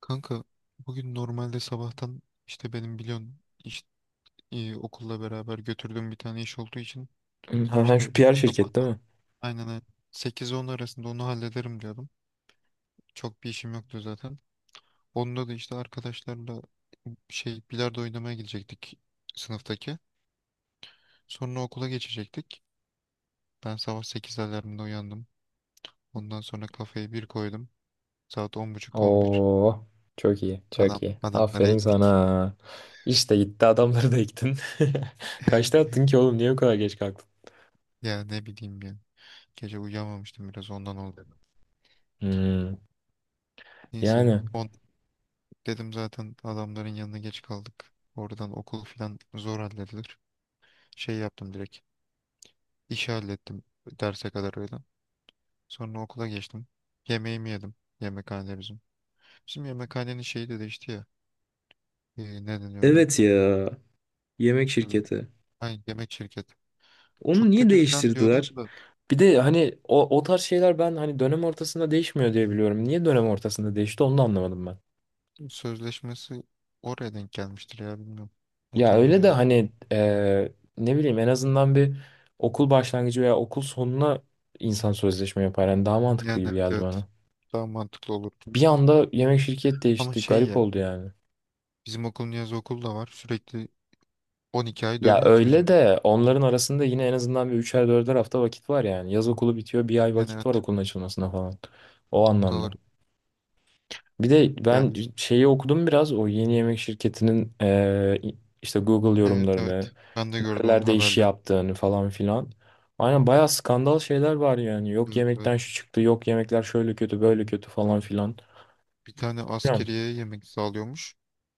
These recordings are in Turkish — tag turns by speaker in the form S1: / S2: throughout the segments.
S1: Kanka, bugün normalde sabahtan işte benim biliyorsun iş, okulla beraber götürdüğüm bir tane iş olduğu için
S2: Ha, ha,
S1: işte
S2: şu PR şirket değil
S1: sabahtan,
S2: mi?
S1: aynen aynen, 8-10 arasında onu hallederim diyordum. Çok bir işim yoktu zaten. Onda da işte arkadaşlarla şey bilardo oynamaya gidecektik sınıftaki. Sonra okula geçecektik. Ben sabah 8 alarmında uyandım. Ondan sonra kafayı bir koydum. Saat 10:30-11.
S2: Oo, çok iyi, çok iyi.
S1: Adamları
S2: Aferin
S1: ektik.
S2: sana. İşte gitti adamları da yıktın. Kaçta attın ki oğlum? Niye bu kadar geç kalktın?
S1: Ya ne bileyim ya. Gece uyuyamamıştım, biraz ondan oldu.
S2: Hmm,
S1: Neyse
S2: yani.
S1: on dedim zaten adamların yanına geç kaldık. Oradan okul falan zor halledilir. Şey yaptım direkt. İşi hallettim, derse kadar öyle. Sonra okula geçtim. Yemeğimi yedim. Yemekhane bizim. Bizim yemekhanenin şeyi de değişti ya. Ne deniyor ona?
S2: Evet ya. Yemek
S1: Şu
S2: şirketi.
S1: ay, yemek şirket.
S2: Onu
S1: Çok
S2: niye
S1: kötü falan diyorlar
S2: değiştirdiler?
S1: da
S2: Bir de hani o, o tarz şeyler ben hani dönem ortasında değişmiyor diye biliyorum. Niye dönem ortasında değişti onu da anlamadım ben.
S1: sözleşmesi oraya denk gelmiştir ya, bilmiyorum.
S2: Ya
S1: Muhtemelen
S2: öyle de
S1: öyle bir-
S2: hani ne bileyim en azından bir okul başlangıcı veya okul sonuna insan sözleşme yapar. Yani daha mantıklı
S1: Yani
S2: gibi
S1: evet.
S2: geldi
S1: Evet.
S2: bana.
S1: Daha mantıklı olur.
S2: Bir anda yemek şirket
S1: Ama
S2: değişti.
S1: şey
S2: Garip
S1: ya.
S2: oldu yani.
S1: Bizim okulun yaz okulu da var. Sürekli 12 ay
S2: Ya
S1: dönüyor ki
S2: öyle
S1: bizim.
S2: de onların arasında yine en azından bir üçer dörder hafta vakit var yani. Yaz okulu bitiyor bir ay
S1: Yani
S2: vakit
S1: evet
S2: var okulun açılmasına falan. O
S1: doğru.
S2: anlamda. Bir de ben
S1: Yani
S2: şeyi okudum biraz o yeni yemek şirketinin işte Google
S1: evet evet.
S2: yorumlarını
S1: Ben de gördüm onun
S2: nerelerde iş
S1: haberlerini.
S2: yaptığını falan filan. Aynen bayağı skandal şeyler var yani. Yok
S1: Evet evet.
S2: yemekten şu çıktı, yok yemekler şöyle kötü, böyle kötü falan filan.
S1: Bir tane
S2: Bilmiyorum.
S1: askeriye yemek sağlıyormuş.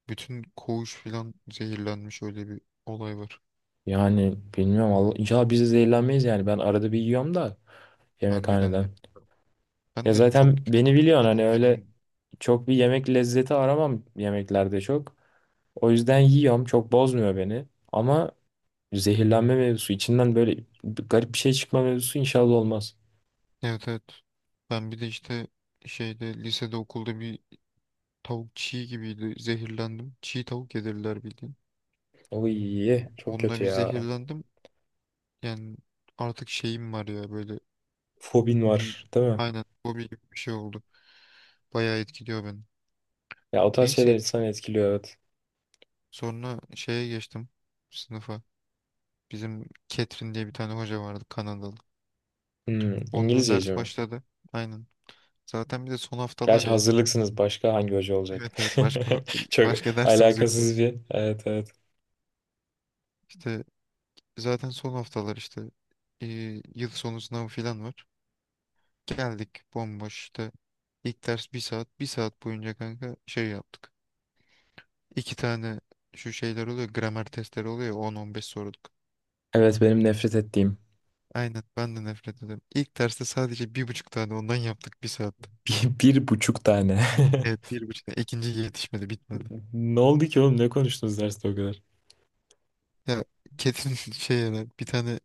S1: Bütün koğuş filan zehirlenmiş, öyle bir olay var.
S2: Yani bilmiyorum Allah inşallah biz de zehirlenmeyiz yani. Ben arada bir yiyorum da
S1: Harbiden ya.
S2: yemekhaneden.
S1: Ben
S2: Ya
S1: de
S2: zaten
S1: çok
S2: beni
S1: yemem de
S2: biliyorsun
S1: bugün
S2: hani öyle
S1: yedim.
S2: çok bir yemek lezzeti aramam yemeklerde çok. O yüzden yiyorum. Çok bozmuyor beni. Ama zehirlenme mevzusu içinden böyle bir garip bir şey çıkma mevzusu inşallah olmaz.
S1: Evet evet. Ben bir de işte şeyde lisede okulda bir tavuk çiğ gibiydi. Zehirlendim. Çiğ tavuk yedirdiler bildiğin.
S2: Oy çok
S1: Onunla
S2: kötü
S1: bir
S2: ya.
S1: zehirlendim. Yani artık şeyim var ya, böyle
S2: Fobin
S1: bir
S2: var değil mi?
S1: aynen hobi gibi bir şey oldu. Bayağı etkiliyor beni.
S2: Ya o tarz şeyler
S1: Neyse
S2: insanı etkiliyor evet.
S1: sonra şeye geçtim, sınıfa. Bizim Ketrin diye bir tane hoca vardı, Kanadalı.
S2: Hmm,
S1: Onunla
S2: İngilizceci
S1: ders
S2: mi?
S1: başladı. Aynen. Zaten bir de son haftalar
S2: Gerçi
S1: ya.
S2: hazırlıksınız başka hangi hoca olacak?
S1: Evet evet, başka
S2: Çok
S1: başka dersimiz yok
S2: alakasız
S1: zaten.
S2: bir. Evet evet.
S1: İşte zaten son haftalar işte, e, yıl sonu sınavı falan var. Geldik bomboş işte. İlk ders bir saat. Bir saat boyunca kanka şey yaptık. İki tane şu şeyler oluyor. Gramer testleri oluyor ya, on on beş soru.
S2: Evet benim nefret ettiğim.
S1: Aynen ben de nefret ediyorum. İlk derste sadece bir buçuk tane ondan yaptık bir saatte.
S2: Bir buçuk tane.
S1: Evet bir buçuk tane. İkinci yetişmedi, bitmedi.
S2: Ne oldu ki oğlum? Ne konuştunuz derste o kadar?
S1: Ya Ketin şey yani bir tane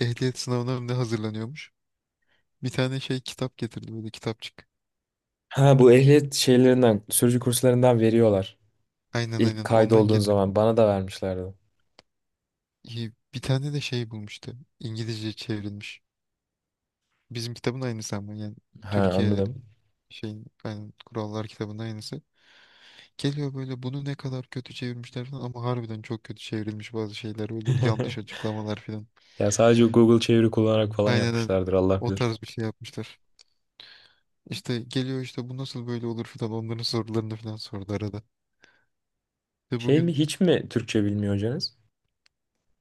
S1: ehliyet sınavına mı ne hazırlanıyormuş. Bir tane şey kitap getirdi, böyle kitapçık.
S2: Ha bu ehliyet şeylerinden, sürücü kurslarından veriyorlar.
S1: Aynen
S2: İlk
S1: aynen ondan
S2: kaydolduğun
S1: getirdi.
S2: zaman bana da vermişlerdi.
S1: İyi, bir tane de şey bulmuştu. İngilizce çevrilmiş. Bizim kitabın aynısı ama yani
S2: Ha
S1: Türkiye
S2: anladım.
S1: şeyin aynen kurallar kitabının aynısı. Geliyor böyle, bunu ne kadar kötü çevirmişler falan ama harbiden çok kötü çevrilmiş bazı şeyler, böyle yanlış açıklamalar falan.
S2: Ya sadece Google çeviri kullanarak falan
S1: Aynen aynen.
S2: yapmışlardır Allah
S1: O
S2: bilir.
S1: tarz bir şey yapmışlar. İşte geliyor işte, bu nasıl böyle olur falan, onların sorularını falan sordu arada. Ve
S2: Şey mi
S1: bugün
S2: hiç mi Türkçe bilmiyor hocanız?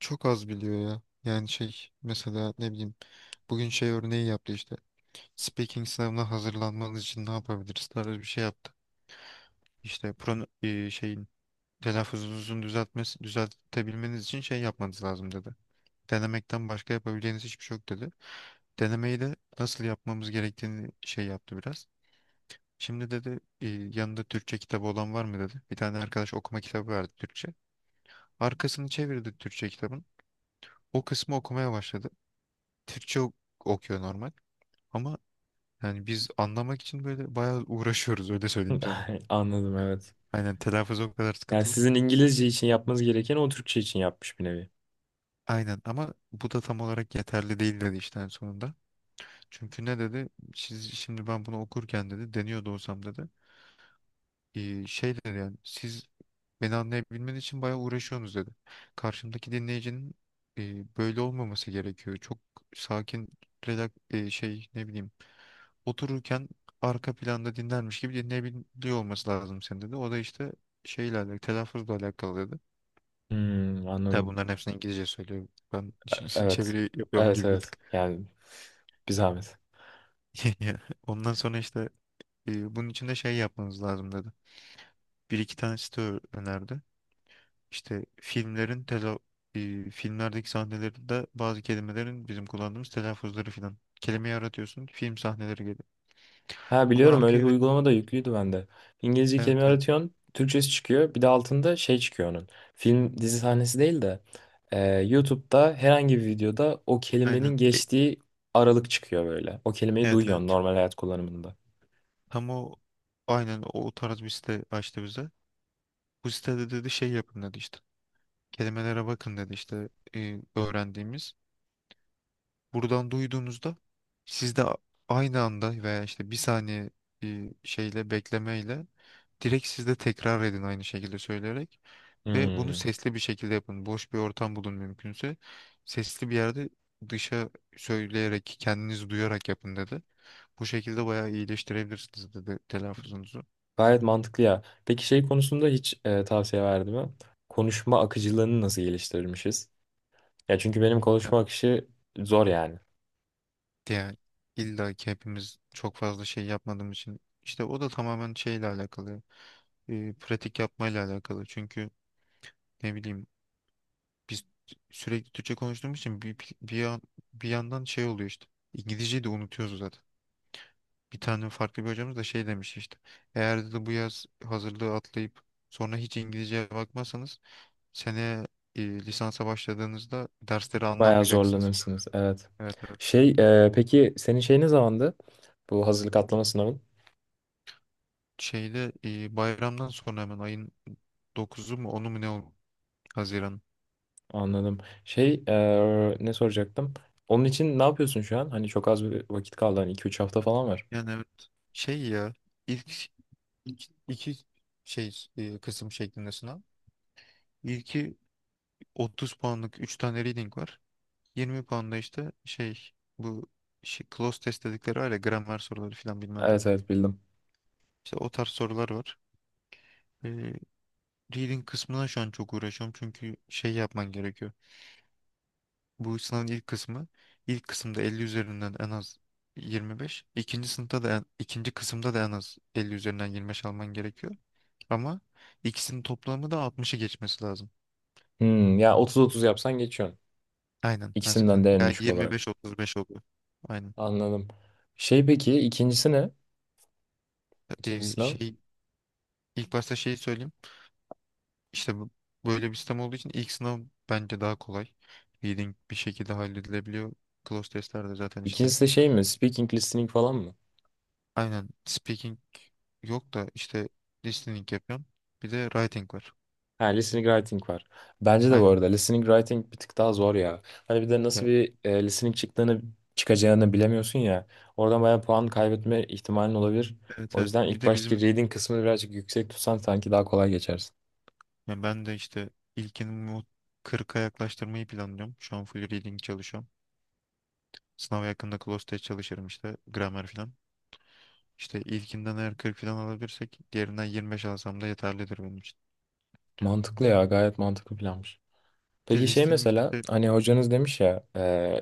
S1: çok az biliyor ya. Yani şey, mesela ne bileyim, bugün şey örneği yaptı işte. Speaking sınavına hazırlanmanız için ne yapabiliriz tarzı bir şey yaptı. İşte şeyin telaffuzunuzu düzeltmesi, düzeltebilmeniz için şey yapmanız lazım dedi. Denemekten başka yapabileceğiniz hiçbir şey yok dedi. Denemeyi de nasıl yapmamız gerektiğini şey yaptı biraz. Şimdi dedi, yanında Türkçe kitabı olan var mı dedi. Bir tane arkadaş okuma kitabı verdi, Türkçe. Arkasını çevirdi Türkçe kitabın. O kısmı okumaya başladı. Türkçe okuyor normal. Ama yani biz anlamak için böyle bayağı uğraşıyoruz, öyle söyleyeyim sana.
S2: Anladım evet.
S1: Aynen telaffuz o kadar
S2: Yani
S1: sıkıntılı.
S2: sizin İngilizce için yapmanız gereken o Türkçe için yapmış bir nevi.
S1: Aynen ama bu da tam olarak yeterli değil dedi işte en sonunda. Çünkü ne dedi? Siz, şimdi ben bunu okurken dedi deniyordu olsam dedi. Şey dedi, yani siz beni anlayabilmen için bayağı uğraşıyorsunuz dedi. Karşımdaki dinleyicinin böyle olmaması gerekiyor. Çok sakin, relax, şey ne bileyim, otururken arka planda dinlermiş gibi dinleyebiliyor olması lazım senin dedi. O da işte şeyle alakalı, telaffuzla alakalı dedi.
S2: Hmm,
S1: Tabi
S2: anladım.
S1: bunların hepsini İngilizce söylüyor. Ben şimdi
S2: Evet.
S1: çeviri yapıyorum
S2: Evet
S1: gibi bir tık.
S2: evet. Yani bir zahmet.
S1: Ondan sonra işte, bunun için de şey yapmanız lazım dedi. Bir iki tane site önerdi. İşte filmlerin filmlerdeki sahnelerinde bazı kelimelerin bizim kullandığımız telaffuzları filan. Kelimeyi aratıyorsun, film sahneleri geliyor.
S2: Ha
S1: Onu
S2: biliyorum öyle bir
S1: arkaya,
S2: uygulama da yüklüydü bende. İngilizce kelime
S1: evet evet
S2: aratıyorsun. Türkçesi çıkıyor. Bir de altında şey çıkıyor onun. Film dizi sahnesi değil de YouTube'da herhangi bir videoda o kelimenin
S1: aynen.
S2: geçtiği aralık çıkıyor böyle. O kelimeyi
S1: Evet evet.
S2: duyuyorsun normal hayat kullanımında.
S1: Tam o aynen o tarz bir site açtı bize. Bu sitede dedi şey yapın dedi işte. Kelimelere bakın dedi işte, öğrendiğimiz. Buradan duyduğunuzda, siz de aynı anda veya işte bir saniye şeyle, beklemeyle direkt siz de tekrar edin aynı şekilde söyleyerek ve bunu
S2: Hmm.
S1: sesli bir şekilde yapın. Boş bir ortam bulun mümkünse. Sesli bir yerde dışa söyleyerek, kendinizi duyarak yapın dedi. Bu şekilde bayağı iyileştirebilirsiniz dedi telaffuzunuzu.
S2: Gayet mantıklı ya. Peki şey konusunda hiç tavsiye verdi mi? Konuşma akıcılığını nasıl geliştirmişiz? Ya çünkü benim
S1: Ya,
S2: konuşma akışı zor yani.
S1: yani illa ki hepimiz çok fazla şey yapmadığımız için işte o da tamamen şeyle alakalı. Pratik yapmayla alakalı. Çünkü ne bileyim biz sürekli Türkçe konuştuğumuz için, bir yandan şey oluyor işte. İngilizceyi de unutuyoruz zaten. Bir tane farklı bir hocamız da şey demiş işte. Eğer dedi bu yaz hazırlığı atlayıp sonra hiç İngilizceye bakmazsanız, sene lisansa başladığınızda dersleri
S2: Bayağı
S1: anlamayacaksınız.
S2: zorlanırsınız. Evet.
S1: Evet evet.
S2: Şey peki senin şey ne zamandı? Bu hazırlık atlama sınavın.
S1: Şeyde, bayramdan sonra hemen ayın 9'u mu onu mu ne oldu? Haziran.
S2: Anladım. Şey ne soracaktım? Onun için ne yapıyorsun şu an? Hani çok az bir vakit kaldı. Hani 2-3 hafta falan var.
S1: Yani evet. Şey ya, ilk, ilk iki şey kısım şeklinde sınav. İlki 30 puanlık 3 tane reading var. 20 puanda işte şey, bu şey, close test dedikleri var ya, gramer soruları falan bilmem ne.
S2: Evet evet bildim.
S1: İşte o tarz sorular var. Ee, reading kısmına şu an çok uğraşıyorum çünkü şey yapman gerekiyor. Bu sınavın ilk kısımda 50 üzerinden en az 25. İkinci kısımda da en az 50 üzerinden 25 alman gerekiyor. Ama ikisinin toplamı da 60'ı geçmesi lazım.
S2: Hmm, ya 30-30 yapsan geçiyorsun.
S1: Aynen
S2: İkisinden
S1: mesela.
S2: de en
S1: Veya
S2: düşük olarak.
S1: 25-35 oluyor. Aynen.
S2: Anladım. Şey peki ikincisi ne? İkinci sınav.
S1: Şey İlk başta şeyi söyleyeyim. İşte böyle bir sistem olduğu için ilk sınav bence daha kolay. Reading bir şekilde halledilebiliyor. Close testlerde zaten işte,
S2: İkincisi de şey mi? Speaking, listening falan mı?
S1: aynen speaking yok da işte listening yapıyorum. Bir de writing var.
S2: Ha, listening writing var. Bence de bu
S1: Aynen.
S2: arada listening writing bir tık daha zor ya. Hani bir de nasıl
S1: Ya,
S2: bir listening çıkacağını bilemiyorsun ya. Oradan bayağı puan kaybetme ihtimalin olabilir.
S1: evet
S2: O
S1: evet.
S2: yüzden
S1: Bir
S2: ilk
S1: de
S2: baştaki
S1: bizim,
S2: reading kısmını birazcık yüksek tutsan sanki daha kolay geçersin.
S1: ya ben de işte ilkini bu 40'a yaklaştırmayı planlıyorum. Şu an full reading çalışıyorum. Sınava yakında close test çalışırım işte, Grammar falan. İşte ilkinden eğer 40 falan alabilirsek diğerinden 25 alsam da yeterlidir benim için.
S2: Mantıklı ya, gayet mantıklı planmış.
S1: De
S2: Peki şey
S1: listening
S2: mesela
S1: işte.
S2: hani hocanız demiş ya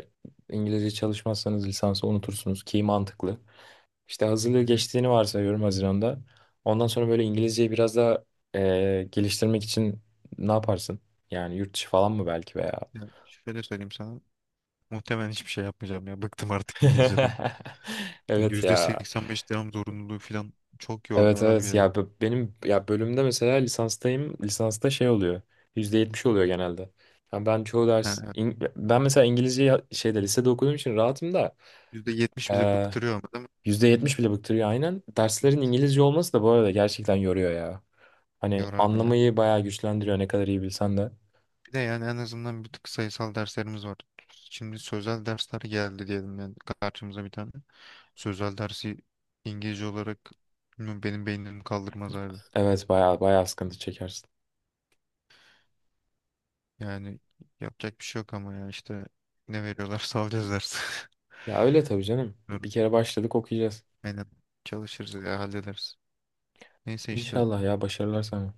S2: İngilizce çalışmazsanız lisansı unutursunuz ki mantıklı. İşte hazırlığı
S1: Hı hı.
S2: geçtiğini varsayıyorum Haziran'da. Ondan sonra böyle İngilizceyi biraz daha geliştirmek için ne yaparsın? Yani yurt dışı falan mı belki veya?
S1: Ya şöyle söyleyeyim sana. Muhtemelen hiçbir şey yapmayacağım ya. Bıktım artık İngilizceden.
S2: Evet
S1: yüzde
S2: ya.
S1: seksen beş devam zorunluluğu falan çok yordu
S2: Evet
S1: abi
S2: evet
S1: ya.
S2: ya benim ya bölümde mesela lisanstayım. Lisansta şey oluyor. %70 oluyor genelde. Yani ben çoğu
S1: Ha,
S2: ders
S1: evet.
S2: Ben mesela İngilizceyi şeyde lisede okuduğum için rahatım
S1: %70 bizi
S2: da
S1: bıktırıyor ama değil mi?
S2: %70 bile bıktırıyor aynen. Derslerin
S1: Evet.
S2: İngilizce olması da bu arada gerçekten yoruyor ya. Hani
S1: Yorar ya.
S2: anlamayı bayağı güçlendiriyor ne kadar iyi bilsen de.
S1: Bir de yani en azından bir tık sayısal derslerimiz var. Şimdi sözel dersler geldi diyelim yani karşımıza bir tane. Sözel dersi İngilizce olarak, bilmiyorum, benim beynim kaldırmaz abi.
S2: Evet bayağı bayağı sıkıntı çekersin.
S1: Yani yapacak bir şey yok ama ya işte ne veriyorlarsa alacağız ders.
S2: Ya öyle tabii canım. Bir kere başladık okuyacağız.
S1: Aynen. Çalışırız ya hallederiz. Neyse işte
S2: İnşallah ya başarılar sana.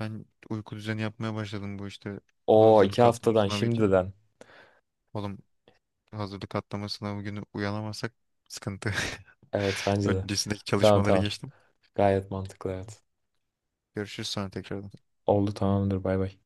S1: ben uyku düzeni yapmaya başladım bu işte
S2: Oo iki
S1: hazırlık atlama
S2: haftadan
S1: sınavı için.
S2: şimdiden.
S1: Oğlum hazırlık atlama sınavı günü uyanamazsak sıkıntı.
S2: Evet bence de.
S1: Öncesindeki
S2: Tamam
S1: çalışmaları
S2: tamam.
S1: geçtim.
S2: Gayet mantıklı evet.
S1: Görüşürüz sonra tekrar.
S2: Oldu tamamdır bay bay.